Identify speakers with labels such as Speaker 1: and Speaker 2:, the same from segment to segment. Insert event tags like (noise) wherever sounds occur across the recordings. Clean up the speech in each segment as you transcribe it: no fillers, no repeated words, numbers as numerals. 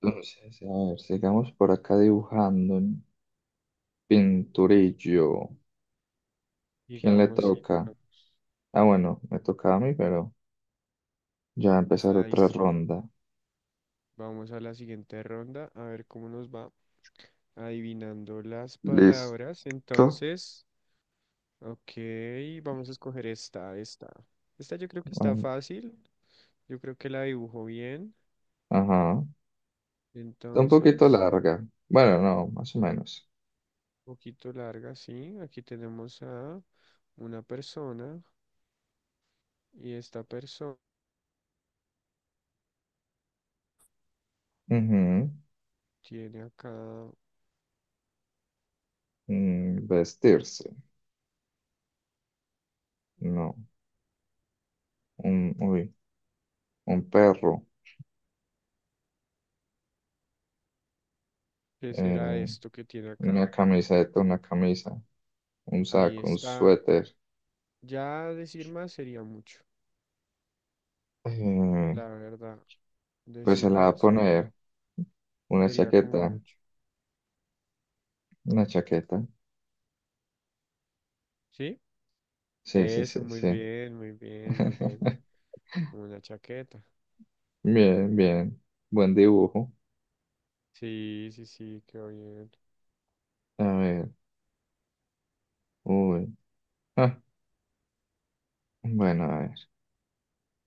Speaker 1: Entonces, a ver, sigamos por acá dibujando pinturillo. ¿Quién le
Speaker 2: Digamos, sí,
Speaker 1: toca?
Speaker 2: digamos.
Speaker 1: Ah, bueno, me toca a mí, pero ya va a empezar
Speaker 2: Ahí
Speaker 1: otra
Speaker 2: sí.
Speaker 1: ronda.
Speaker 2: Vamos a la siguiente ronda, a ver cómo nos va adivinando las
Speaker 1: ¿Listo?
Speaker 2: palabras. Entonces, ok, vamos a escoger esta, esta. Esta yo creo que
Speaker 1: A
Speaker 2: está
Speaker 1: ver.
Speaker 2: fácil, yo creo que la dibujo bien.
Speaker 1: Ajá. Está un poquito
Speaker 2: Entonces,
Speaker 1: larga. Bueno, no, más o menos.
Speaker 2: un poquito larga, sí. Aquí tenemos a una persona y esta persona
Speaker 1: Ujú.
Speaker 2: tiene acá,
Speaker 1: Vestirse. No. Un, uy, un perro.
Speaker 2: ¿qué será
Speaker 1: Eh,
Speaker 2: esto que tiene acá?
Speaker 1: una camiseta, una camisa. Un
Speaker 2: Ahí
Speaker 1: saco, un
Speaker 2: está.
Speaker 1: suéter.
Speaker 2: Ya decir más sería mucho,
Speaker 1: Eh,
Speaker 2: la verdad.
Speaker 1: pues
Speaker 2: Decir
Speaker 1: se la va a
Speaker 2: más sería,
Speaker 1: poner una
Speaker 2: sería como
Speaker 1: chaqueta.
Speaker 2: mucho.
Speaker 1: Una chaqueta.
Speaker 2: ¿Sí?
Speaker 1: Sí, sí,
Speaker 2: Eso,
Speaker 1: sí,
Speaker 2: muy
Speaker 1: sí.
Speaker 2: bien, muy bien, muy bien.
Speaker 1: (laughs)
Speaker 2: Una chaqueta.
Speaker 1: Bien, bien. Buen dibujo.
Speaker 2: Sí, sí, sí, quedó bien.
Speaker 1: A ver. Uy. Ah, bueno, a ver.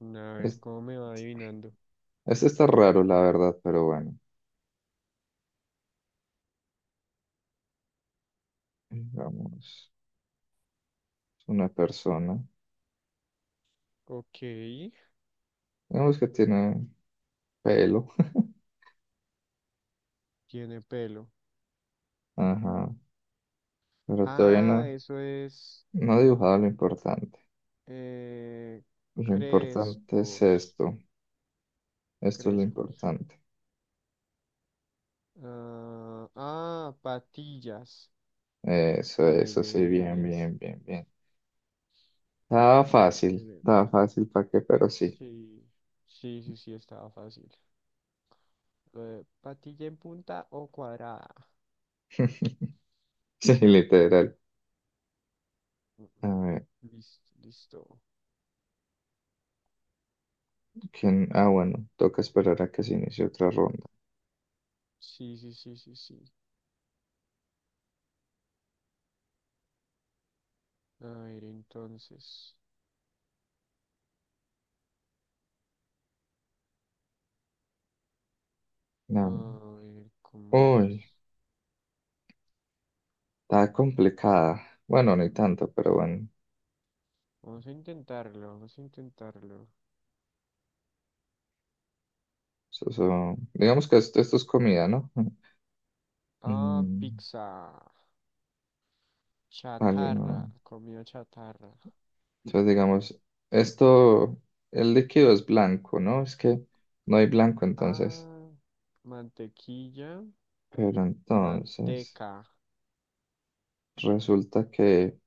Speaker 2: A ver,
Speaker 1: Es-
Speaker 2: ¿cómo me va adivinando?
Speaker 1: Este está raro, la verdad, pero bueno. Digamos, es una persona.
Speaker 2: Ok,
Speaker 1: Digamos que tiene pelo.
Speaker 2: tiene pelo.
Speaker 1: (laughs) Ajá. Pero todavía
Speaker 2: Ah,
Speaker 1: no,
Speaker 2: eso es
Speaker 1: no ha dibujado lo importante.
Speaker 2: eh,
Speaker 1: Lo importante es
Speaker 2: crespos,
Speaker 1: esto. Esto es lo
Speaker 2: crespos.
Speaker 1: importante.
Speaker 2: Ah, ah, patillas.
Speaker 1: Eso,
Speaker 2: Muy
Speaker 1: eso, sí,
Speaker 2: bien,
Speaker 1: bien,
Speaker 2: eso.
Speaker 1: bien, bien, bien. Estaba
Speaker 2: Bien,
Speaker 1: fácil.
Speaker 2: bien.
Speaker 1: Estaba fácil, ¿para qué? Pero sí.
Speaker 2: Sí, sí, sí, sí, estaba fácil. Patilla en punta o cuadrada.
Speaker 1: (laughs) (laughs) Sí, literal.
Speaker 2: Mm,
Speaker 1: A ver,
Speaker 2: Listo, listo.
Speaker 1: ¿quién? Ah, bueno, toca esperar a que se inicie otra ronda.
Speaker 2: Sí, sí, sí, sí, sí. A ver, entonces. A
Speaker 1: Nam.
Speaker 2: ver, ¿cómo
Speaker 1: Uy,
Speaker 2: es?
Speaker 1: está complicada. Bueno, ni tanto, pero bueno.
Speaker 2: Vamos a intentarlo, vamos a intentarlo.
Speaker 1: Digamos que esto es comida, ¿no? (laughs)
Speaker 2: Ah,
Speaker 1: Mm,
Speaker 2: pizza. Chatarra,
Speaker 1: ¿no?
Speaker 2: comida chatarra.
Speaker 1: Entonces, digamos, esto, el líquido es blanco, ¿no? Es que no hay blanco entonces.
Speaker 2: Ah, mantequilla,
Speaker 1: Pero entonces,
Speaker 2: manteca.
Speaker 1: resulta que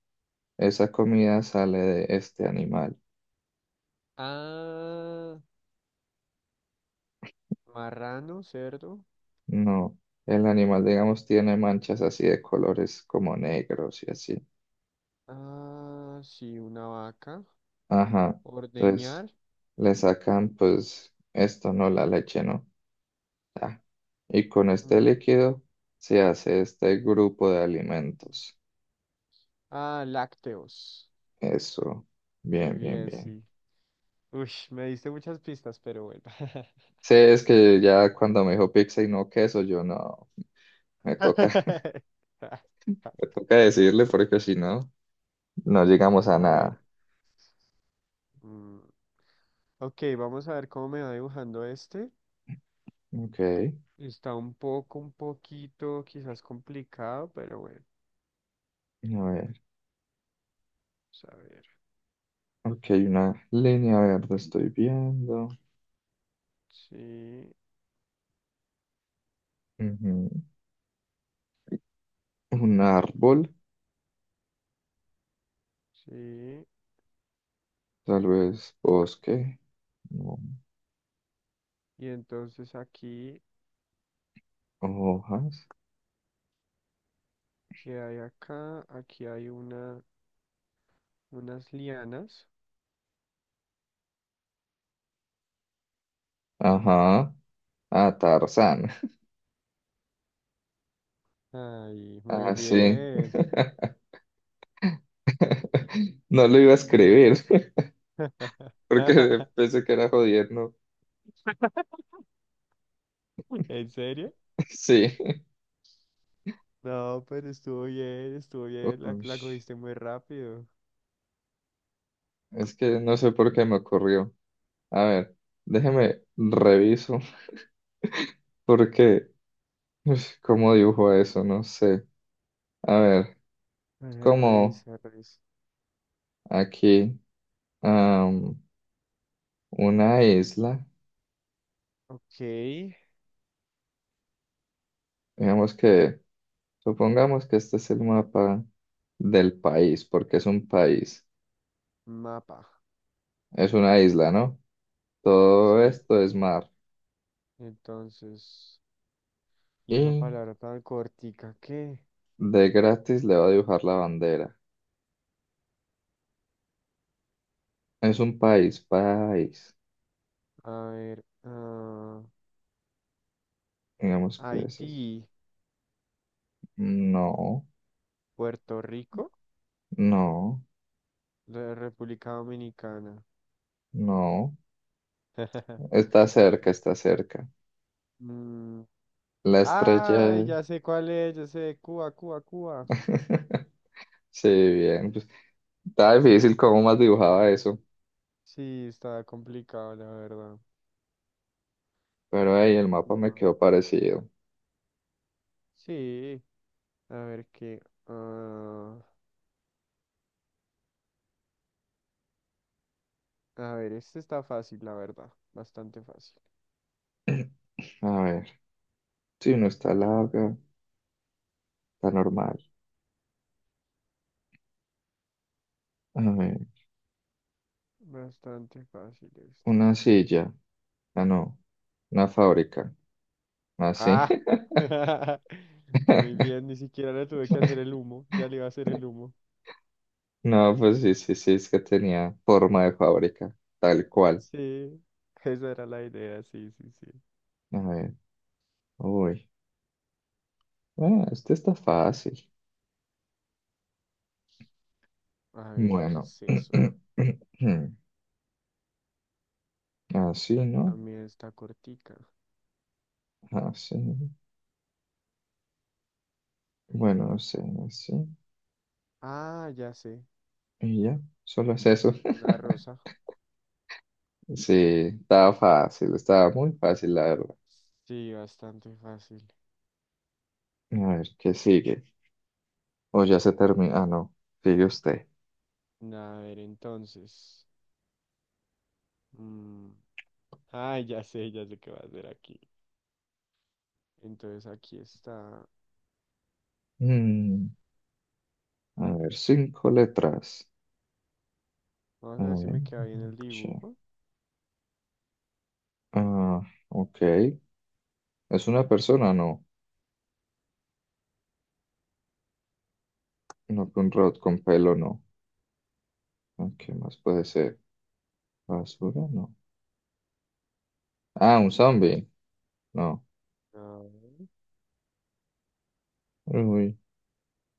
Speaker 1: esa comida sale de este animal.
Speaker 2: Ah, marrano, cerdo.
Speaker 1: No, el animal, digamos, tiene manchas así de colores como negros y así.
Speaker 2: Ah, sí, una vaca.
Speaker 1: Ajá, entonces
Speaker 2: Ordeñar.
Speaker 1: le sacan pues esto, no la leche, no. Ah, y con este
Speaker 2: mm,
Speaker 1: líquido se hace este grupo de alimentos.
Speaker 2: Ah, lácteos.
Speaker 1: Eso,
Speaker 2: Muy
Speaker 1: bien, bien,
Speaker 2: bien,
Speaker 1: bien.
Speaker 2: sí. Uy, me diste muchas pistas, pero bueno.
Speaker 1: Sí, es que ya cuando me dijo pizza y no queso, yo no, me toca, (laughs)
Speaker 2: (laughs)
Speaker 1: me toca decirle porque si no, no llegamos a
Speaker 2: A ver.
Speaker 1: nada.
Speaker 2: mm, Ok, vamos a ver cómo me va dibujando este.
Speaker 1: Ok, a
Speaker 2: Está un poco, un poquito, quizás complicado, pero bueno.
Speaker 1: ver,
Speaker 2: Vamos a ver.
Speaker 1: ok, una línea verde estoy viendo.
Speaker 2: Sí,
Speaker 1: Ujú. Un árbol,
Speaker 2: sí.
Speaker 1: tal vez bosque, no,
Speaker 2: Y entonces aquí,
Speaker 1: hojas.
Speaker 2: ¿qué hay acá? Aquí hay una, unas lianas.
Speaker 1: Ajá. Ah, Tarzán. (laughs)
Speaker 2: Ay, muy
Speaker 1: Ah, sí.
Speaker 2: bien.
Speaker 1: (laughs) No lo iba a escribir (laughs)
Speaker 2: (laughs)
Speaker 1: porque pensé que era jodiendo. (laughs)
Speaker 2: ¿En serio?
Speaker 1: Sí.
Speaker 2: No, pero estuvo bien, la
Speaker 1: Ush,
Speaker 2: cogiste muy rápido.
Speaker 1: es que no sé por qué me ocurrió. A ver, déjeme reviso (laughs) porque, ush, ¿cómo dibujo eso? No sé. A ver,
Speaker 2: A ver,
Speaker 1: como
Speaker 2: revisa, revisa.
Speaker 1: aquí. Una isla,
Speaker 2: Ok,
Speaker 1: digamos que, supongamos que este es el mapa del país, porque es un país,
Speaker 2: mapa.
Speaker 1: es una isla, ¿no? Todo
Speaker 2: Sí,
Speaker 1: esto es mar.
Speaker 2: entonces. ¿Y esa
Speaker 1: Y
Speaker 2: palabra tan cortica qué?
Speaker 1: de gratis le va a dibujar la bandera. Es un país, país.
Speaker 2: A ver, ah,
Speaker 1: Digamos que es así.
Speaker 2: Haití,
Speaker 1: No,
Speaker 2: Puerto Rico,
Speaker 1: no,
Speaker 2: la República Dominicana.
Speaker 1: no.
Speaker 2: (laughs)
Speaker 1: Está cerca, está cerca.
Speaker 2: Mm,
Speaker 1: La estrella
Speaker 2: Ah,
Speaker 1: es...
Speaker 2: ya sé cuál es, ya sé, Cuba, Cuba, Cuba.
Speaker 1: (laughs) Sí, bien. Pues, está difícil cómo más dibujaba eso,
Speaker 2: Sí, está complicado, la verdad.
Speaker 1: pero ahí el mapa me
Speaker 2: Cuba.
Speaker 1: quedó parecido.
Speaker 2: Sí, a ver qué. Ah, a ver, este está fácil, la verdad. Bastante fácil.
Speaker 1: (clears throat) A ver, sí, no está larga, está normal. A ver,
Speaker 2: Bastante fácil esto.
Speaker 1: una silla. Ah, no, una fábrica. Ah, sí.
Speaker 2: Ah, (laughs) muy bien,
Speaker 1: (laughs)
Speaker 2: ni siquiera le tuve que hacer el humo. Ya le iba a hacer el humo.
Speaker 1: No, pues sí, sí, sí, es que tenía forma de fábrica, tal cual.
Speaker 2: Sí, (laughs) esa era la idea, sí, sí, sí.
Speaker 1: A ver, uy, ah, este está fácil.
Speaker 2: A ver, ¿qué
Speaker 1: Bueno,
Speaker 2: es eso?
Speaker 1: (clears throat) así, ¿no?
Speaker 2: También está cortica.
Speaker 1: Así. Bueno, así, así.
Speaker 2: Ah, ya sé,
Speaker 1: Y ya, solo es eso.
Speaker 2: una
Speaker 1: (laughs)
Speaker 2: rosa.
Speaker 1: Sí, estaba fácil, estaba muy fácil, la verdad.
Speaker 2: Sí, bastante fácil.
Speaker 1: A ver, ¿qué sigue? O ya se termina. Ah, no. Sigue usted.
Speaker 2: A ver, entonces. mm, Ah, ya sé qué va a hacer aquí. Entonces aquí está.
Speaker 1: Mm, a ver, cinco letras. A
Speaker 2: Vamos a ver si
Speaker 1: ver.
Speaker 2: me queda bien el
Speaker 1: che-
Speaker 2: dibujo.
Speaker 1: Ah, ok. ¿Es una persona? No. No, un robot con pelo, no. Ah, ¿qué más puede ser? ¿Basura? No. Ah, un zombie. No.
Speaker 2: No.
Speaker 1: Uy,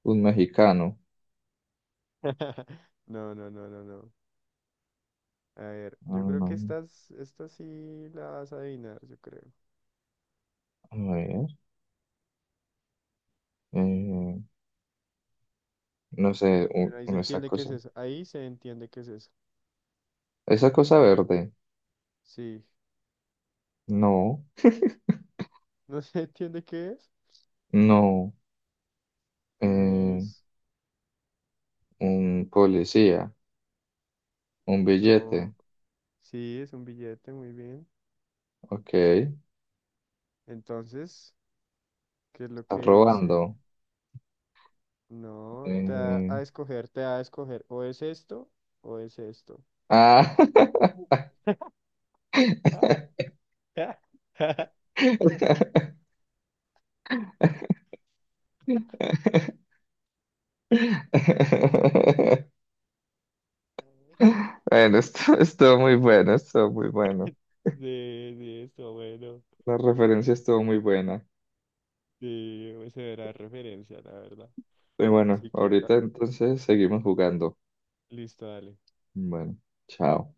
Speaker 1: un mexicano.
Speaker 2: (laughs) No, no, no, no, no. A ver, yo
Speaker 1: Ah,
Speaker 2: creo que
Speaker 1: no.
Speaker 2: estas, esta sí la vas a adivinar, yo creo.
Speaker 1: A ver. eh, no sé,
Speaker 2: Bueno, ahí se
Speaker 1: esa
Speaker 2: entiende qué es
Speaker 1: cosa.
Speaker 2: eso. Ahí se entiende qué es eso.
Speaker 1: Esa cosa verde.
Speaker 2: Sí.
Speaker 1: No.
Speaker 2: (laughs) ¿No se entiende qué es?
Speaker 1: No.
Speaker 2: Pues
Speaker 1: Eh,
Speaker 2: es...
Speaker 1: un policía. Un billete.
Speaker 2: No. Sí, es un billete, muy bien.
Speaker 1: Ok, estás
Speaker 2: Entonces, ¿qué es lo que
Speaker 1: robando.
Speaker 2: dice? No, te da
Speaker 1: Eh,
Speaker 2: a escoger, te da a escoger. O es esto o es esto.
Speaker 1: Ah.
Speaker 2: (laughs)
Speaker 1: (laughs)
Speaker 2: (laughs)
Speaker 1: Bueno, esto estuvo muy bueno, estuvo muy bueno.
Speaker 2: De esto bueno.
Speaker 1: La referencia estuvo muy buena.
Speaker 2: Sí, esa era la referencia, la verdad.
Speaker 1: Y bueno,
Speaker 2: Así que, esa-
Speaker 1: ahorita entonces seguimos jugando.
Speaker 2: listo, dale.
Speaker 1: Bueno, chao.